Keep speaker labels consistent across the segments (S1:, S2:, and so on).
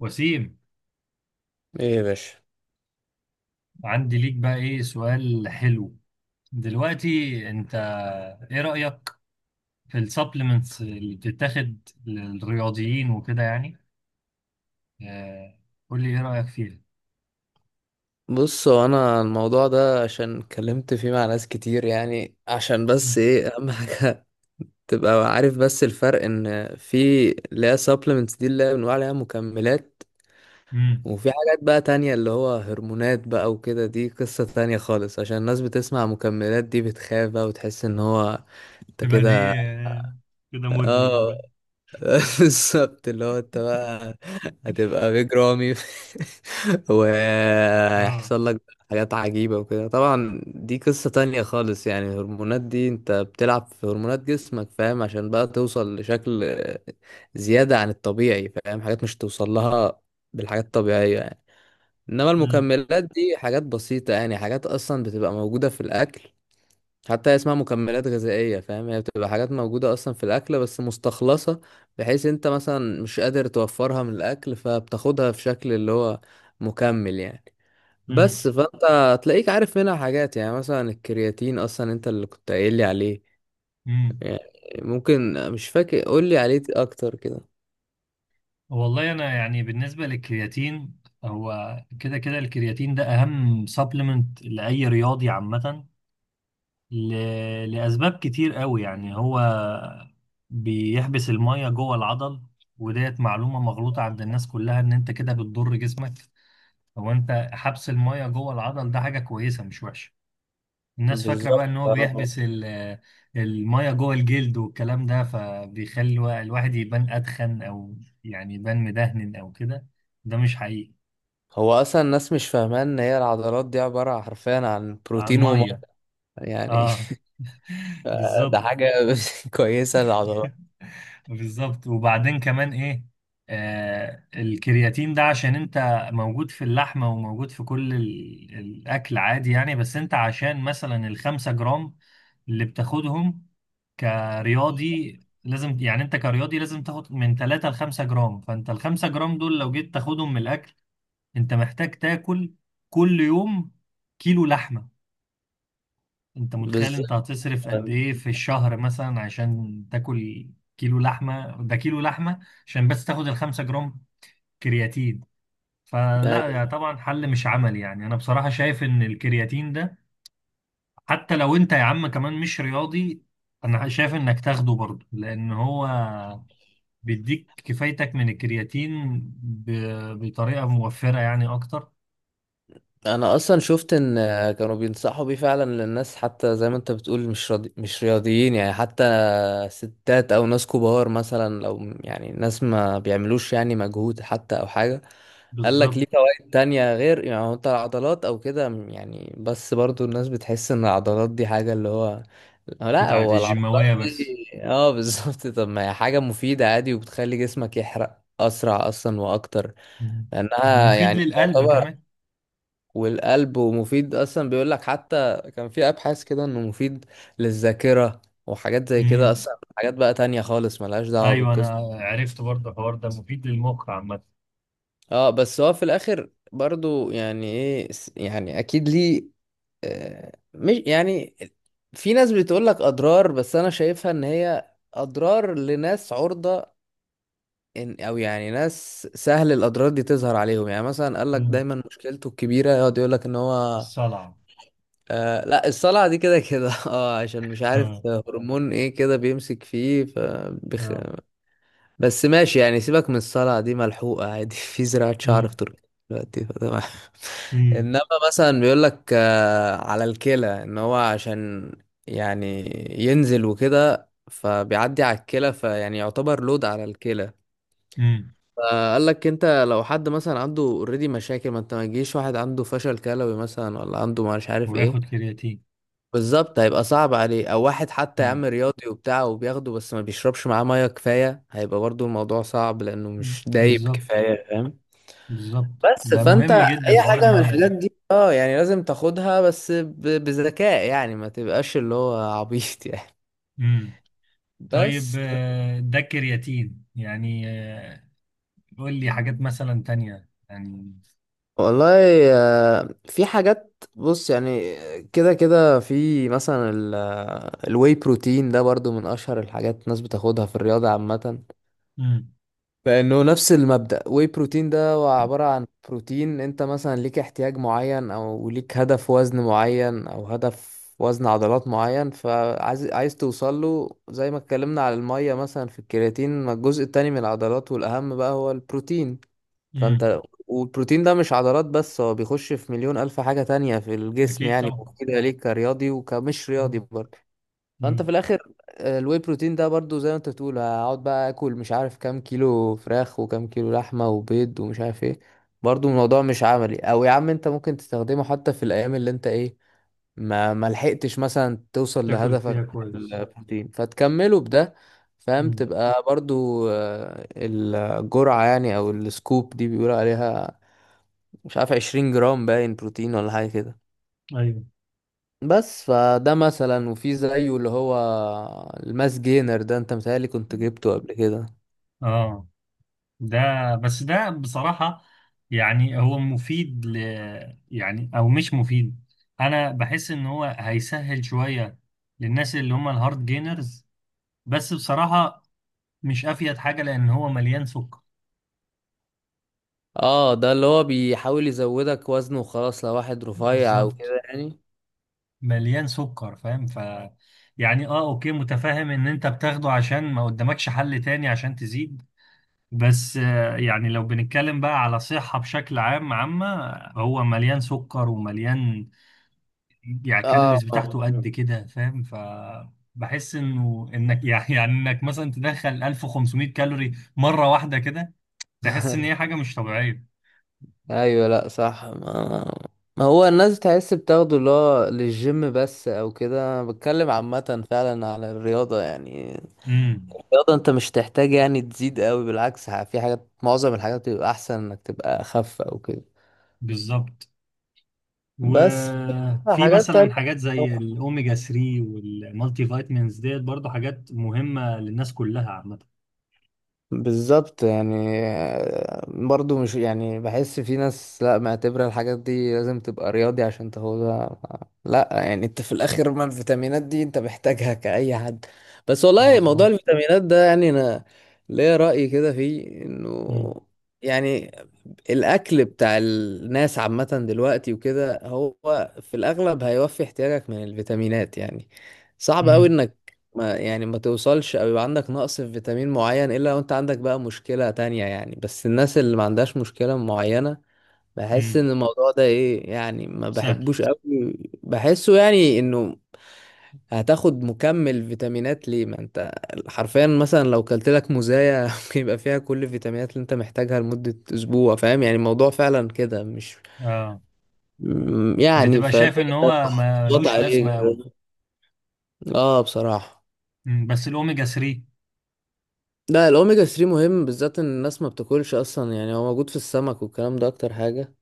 S1: وسيم.
S2: ايه يا باشا.
S1: عندي ليك بقى ايه سؤال حلو دلوقتي. انت ايه رأيك في السبلمنتس اللي بتتاخد للرياضيين وكده يعني؟ آه، قول لي ايه رأيك فيها.
S2: بص، هو انا الموضوع ده عشان اتكلمت فيه مع ناس كتير يعني عشان بس ايه اهم حاجه. تبقى عارف بس الفرق ان في اللي هي supplements دي اللي هي بنقول عليها مكملات،
S1: امم.
S2: وفي حاجات بقى تانية اللي هو هرمونات بقى وكده. دي قصة تانية خالص، عشان الناس بتسمع مكملات دي بتخاف بقى وتحس ان هو انت
S1: تبقى
S2: كده.
S1: دي كده مدمن
S2: اه،
S1: بقى؟
S2: بالظبط، اللي هو انت بقى هتبقى بيج رامي
S1: اه.
S2: وهيحصل لك حاجات عجيبة وكده. طبعا دي قصة تانية خالص، يعني الهرمونات دي انت بتلعب في هرمونات جسمك فاهم، عشان بقى توصل لشكل زيادة عن الطبيعي، فاهم، حاجات مش توصل لها بالحاجات الطبيعية يعني. انما
S1: امم
S2: المكملات دي حاجات بسيطة، يعني حاجات اصلا بتبقى موجودة في الاكل، حتى اسمها مكملات غذائية فاهم. هي بتبقى حاجات موجودة أصلا في الأكل بس مستخلصة، بحيث أنت مثلا مش قادر توفرها من الأكل، فبتاخدها في شكل اللي هو مكمل يعني.
S1: امم
S2: بس فأنت هتلاقيك عارف منها حاجات، يعني مثلا الكرياتين، أصلا أنت اللي كنت قايل لي عليه
S1: امم.
S2: يعني. ممكن مش فاكر، قول لي عليه أكتر كده.
S1: والله انا يعني بالنسبة للكرياتين، هو كده كده الكرياتين ده اهم سبلمنت لأي رياضي عامة. ل... لأسباب كتير قوي، يعني هو بيحبس المية جوه العضل، وديت معلومة مغلوطة عند الناس كلها، إن أنت كده بتضر جسمك. هو أنت حبس المية جوه العضل ده حاجة كويسة، مش وحشة. الناس فاكرة بقى
S2: بالظبط
S1: إن هو
S2: آه.
S1: بيحبس المية جوه الجلد والكلام ده، فبيخلي الواحد يبان أدخن، أو يعني يبان مدهن أو كده. ده مش حقيقي.
S2: هو أصلا الناس مش فاهمة إن هي العضلات دي عبارة حرفيا عن
S1: عن
S2: بروتين وميه
S1: مية.
S2: يعني.
S1: اه،
S2: ده
S1: بالظبط.
S2: حاجة كويسة للعضلات.
S1: بالظبط. وبعدين كمان ايه، الكرياتين ده عشان انت موجود في اللحمة، وموجود في كل الاكل عادي يعني، بس انت عشان مثلا الخمسة جرام اللي بتاخدهم كرياضي، لازم يعني انت كرياضي لازم تاخد من 3 ل 5 جرام. فانت ال 5 جرام دول لو جيت تاخدهم من الاكل، انت محتاج تاكل كل يوم كيلو لحمة. انت متخيل انت هتصرف قد
S2: أم-
S1: ايه في الشهر، مثلا عشان تاكل كيلو لحمه، ده كيلو لحمه عشان بس تاخد الخمسة جرام كرياتين؟ فلا،
S2: أيوة.
S1: يا طبعا حل مش عملي. يعني انا بصراحه شايف ان الكرياتين ده حتى لو انت يا عم كمان مش رياضي، انا شايف انك تاخده برضه، لان هو بيديك كفايتك من الكرياتين بطريقه موفره يعني اكتر.
S2: انا اصلا شفت ان كانوا بينصحوا بيه فعلا للناس، حتى زي ما انت بتقول، مش راضي مش رياضيين يعني، حتى ستات او ناس كبار، مثلا لو يعني ناس ما بيعملوش يعني مجهود حتى او حاجة. قال لك ليه
S1: بالظبط.
S2: فوائد تانية غير يعني هو انت العضلات او كده يعني. بس برضو الناس بتحس ان العضلات دي حاجة اللي هو، لا،
S1: بتاعت
S2: هو العضلات
S1: الجيماويه بس.
S2: دي اه بالظبط. طب ما هي حاجة مفيدة عادي، وبتخلي جسمك يحرق اسرع اصلا واكتر،
S1: مم.
S2: لانها
S1: ومفيد
S2: يعني
S1: للقلب
S2: تعتبر. والقلب، ومفيد اصلا، بيقول لك حتى كان في ابحاث كده انه مفيد للذاكره وحاجات زي كده،
S1: كمان.
S2: اصلا حاجات بقى تانية خالص ملهاش دعوه
S1: ايوه، انا
S2: بالقصه.
S1: عرفت برضه الحوار ده مفيد للمخ عامه.
S2: اه بس هو في الاخر برضو يعني ايه، يعني اكيد ليه آه، مش يعني، في ناس بتقول لك اضرار، بس انا شايفها ان هي اضرار لناس عرضه إن، او يعني ناس سهل الاضرار دي تظهر عليهم. يعني مثلا قال لك
S1: مم.
S2: دايما مشكلته الكبيره يقعد يقول لك ان هو،
S1: الصلع.
S2: آه لا، الصلع دي كده كده اه، عشان مش
S1: اه،
S2: عارف هرمون ايه كده بيمسك فيه
S1: اه.
S2: بس ماشي يعني، سيبك من الصلع دي ملحوقة عادي في زراعة شعر
S1: مم.
S2: في تركيا دلوقتي فتمام
S1: مم.
S2: انما مثلا بيقول لك آه على الكلى، ان هو عشان يعني ينزل وكده فبيعدي على الكلى، فيعني يعتبر لود على الكلى.
S1: مم.
S2: فقال لك انت لو حد مثلا عنده اوريدي مشاكل، ما انت ما تجيش واحد عنده فشل كلوي مثلا ولا عنده مش عارف
S1: وياخد
S2: ايه،
S1: كرياتين.
S2: بالظبط هيبقى صعب عليه. او واحد حتى يا
S1: مم.
S2: عم رياضي وبتاع وبياخده بس ما بيشربش معاه ميه كفايه، هيبقى برضو الموضوع صعب لانه
S1: مم.
S2: مش دايب
S1: بالظبط.
S2: كفايه، فاهم.
S1: بالظبط،
S2: بس
S1: ده
S2: فانت
S1: مهم جدا
S2: اي
S1: حوار
S2: حاجه من
S1: الميه
S2: الحاجات
S1: ده.
S2: دي، اه يعني لازم تاخدها بس بذكاء يعني، ما تبقاش اللي هو عبيط يعني.
S1: مم. طيب
S2: بس
S1: آه، ده الكرياتين يعني. قول لي حاجات مثلا تانية يعني.
S2: والله آه، في حاجات بص يعني، كده كده في مثلا الواي بروتين ده برضو من اشهر الحاجات الناس بتاخدها في الرياضه عامه،
S1: مم.
S2: لانه نفس المبدأ. واي بروتين ده هو عبارة عن بروتين، انت مثلا ليك احتياج معين او ليك هدف وزن معين او هدف وزن عضلات معين، فعايز توصل له، زي ما اتكلمنا على المية مثلا في الكرياتين. ما الجزء التاني من العضلات والاهم بقى هو البروتين،
S1: مم.
S2: فانت، والبروتين ده مش عضلات بس، هو بيخش في مليون الف حاجة تانية في الجسم،
S1: اكيد
S2: يعني
S1: طبعا.
S2: مفيدة ليك كرياضي وكمش رياضي
S1: مم.
S2: برضه. فانت
S1: مم.
S2: في الاخر آه، الواي بروتين ده برضو، زي ما انت بتقول هقعد بقى اكل مش عارف كام كيلو فراخ وكام كيلو لحمه وبيض ومش عارف ايه، برضو الموضوع مش عملي. او يا عم انت ممكن تستخدمه حتى في الايام اللي انت ايه ما لحقتش مثلا توصل
S1: تاكل
S2: لهدفك
S1: فيها
S2: من
S1: كويس.
S2: البروتين، فتكمله بده فاهم.
S1: مم.
S2: تبقى برضو آه، الجرعه يعني او السكوب دي بيقولوا عليها مش عارف 20 جرام باين بروتين ولا حاجه كده.
S1: ايوه.
S2: بس فده مثلا. وفي زيه اللي هو الماس جينر ده، انت متهيألي كنت جبته قبل كده.
S1: اه، ده، بس ده بصراحة يعني هو مفيد يعني، أو مش مفيد. أنا بحس إن هو هيسهل شوية للناس اللي هم الهارد جينرز، بس بصراحة مش أفيد حاجة، لأن هو مليان سكر.
S2: اه ده اللي هو بيحاول يزودك وزن وخلاص، لو واحد رفيع او
S1: بالظبط.
S2: كده يعني.
S1: مليان سكر فاهم. يعني أه أوكي، متفاهم إن أنت بتاخده عشان ما قدامكش حل تاني عشان تزيد، بس يعني لو بنتكلم بقى على صحة بشكل عام عامة، هو مليان سكر ومليان، يعني
S2: اه
S1: الكالوريز بتاعته قد كده فاهم. بحس انه انك يعني انك مثلا تدخل 1500 كالوري مره واحده كده، تحس ان هي حاجه مش طبيعيه.
S2: ايوه لا صح، ما ما هو الناس تحس بتاخده اللي هو للجيم بس او كده، أنا بتكلم عامة فعلا على الرياضة يعني.
S1: امم.
S2: الرياضة انت مش تحتاج يعني تزيد قوي، بالعكس، في حاجات، معظم الحاجات بيبقى احسن انك تبقى اخف او كده.
S1: بالظبط.
S2: بس
S1: وفي
S2: حاجات
S1: مثلا
S2: تانية
S1: حاجات زي الاوميجا 3 والمالتي فيتامينز ديت، برضو حاجات مهمه للناس كلها عامه.
S2: بالظبط يعني، آه، برضو مش يعني، بحس في ناس لا معتبرة الحاجات دي لازم تبقى رياضي عشان تاخدها. لا يعني انت في الاخر، ما الفيتامينات دي انت محتاجها كأي حد. بس والله موضوع
S1: مظبوط.
S2: الفيتامينات ده يعني، انا ليا رأي كده فيه انه
S1: امم
S2: يعني الاكل بتاع الناس عامة دلوقتي وكده، هو في الاغلب هيوفي احتياجك من الفيتامينات يعني. صعب قوي
S1: امم
S2: انك ما توصلش او يبقى عندك نقص في فيتامين معين، الا لو انت عندك بقى مشكلة تانية يعني. بس الناس اللي ما عندهاش مشكلة معينة، بحس
S1: امم.
S2: ان الموضوع ده ايه يعني، ما
S1: سهل.
S2: بحبوش قوي. بحسه يعني انه، هتاخد مكمل فيتامينات ليه، ما انت حرفيا مثلا لو كلت لك موزاية ممكن يبقى فيها كل الفيتامينات اللي انت محتاجها لمدة اسبوع فاهم. يعني الموضوع فعلا كده مش
S1: اه،
S2: يعني
S1: بتبقى
S2: فليه
S1: شايف ان هو
S2: تحط
S1: ملوش
S2: عليه
S1: لازمه قوي.
S2: كده؟ اه بصراحة.
S1: مم. بس الاوميجا 3.
S2: لا الاوميجا 3 مهم، بالذات ان الناس ما بتاكلش اصلا، يعني هو موجود في السمك والكلام ده اكتر حاجة.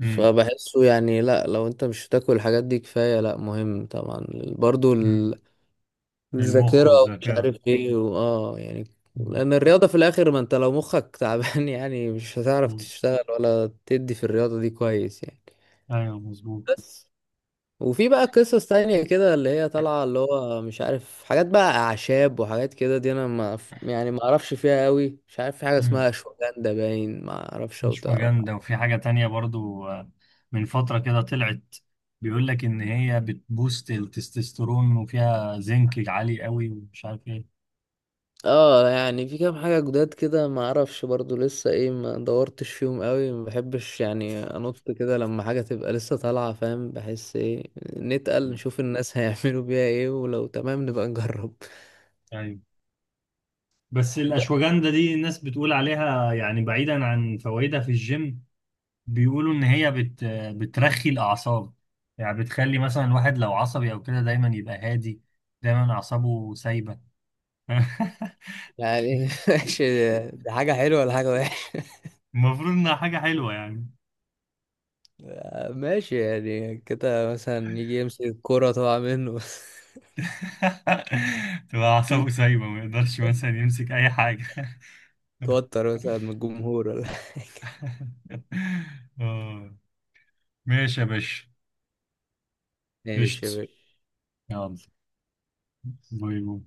S1: امم
S2: فبحسه يعني، لا لو انت مش بتاكل الحاجات دي كفاية لا مهم طبعا، برضو
S1: امم. للمخ
S2: الذاكرة ومش
S1: والذاكره.
S2: عارف ايه واه يعني،
S1: مم.
S2: لان الرياضة في الاخر، ما انت لو مخك تعبان يعني مش هتعرف
S1: مم.
S2: تشتغل ولا تدي في الرياضة دي كويس يعني.
S1: ايوه مظبوط.
S2: بس. وفي بقى قصص تانية كده اللي هي طالعة، اللي هو مش عارف حاجات بقى أعشاب وحاجات كده، دي أنا ما ف- يعني ما أعرفش فيها قوي، مش عارف في حاجة
S1: مم.
S2: اسمها أشواجندا باين ما أعرفش، أو
S1: مش
S2: تعرف.
S1: فاجندا. وفي حاجة تانية برضو من فترة كده طلعت، بيقول لك ان هي بتبوست التستوستيرون، وفيها زنك عالي قوي ومش عارف ايه.
S2: اه يعني في كام حاجة جداد كده ما أعرفش برضو لسه إيه، ما دورتش فيهم قوي. ما بحبش يعني أنط كده لما حاجة تبقى لسه طالعة فاهم، بحس إيه نتقل
S1: مم.
S2: نشوف الناس هيعملوا بيها إيه، ولو تمام نبقى نجرب.
S1: ايوه. بس
S2: بس
S1: الاشواجندا دي الناس بتقول عليها، يعني بعيدا عن فوائدها في الجيم، بيقولوا ان هي بترخي الاعصاب. يعني بتخلي مثلا الواحد لو عصبي او كده دايما يبقى هادي، دايما اعصابه سايبة.
S2: يعني ماشي، دي حاجة حلوة ولا حاجة؟
S1: المفروض انها حاجة حلوة يعني.
S2: ماشي يعني كده مثلا يجي يمسك الكورة طبعا منه.
S1: تبقى أعصابه سايبة، ما يقدرش مثلا يمسك أي حاجة.
S2: توتر مثلا من الجمهور ولا؟
S1: آه. ماشي يا باشا.
S2: ماشي يا
S1: قشطة.
S2: باشا.
S1: يلا. باي باي.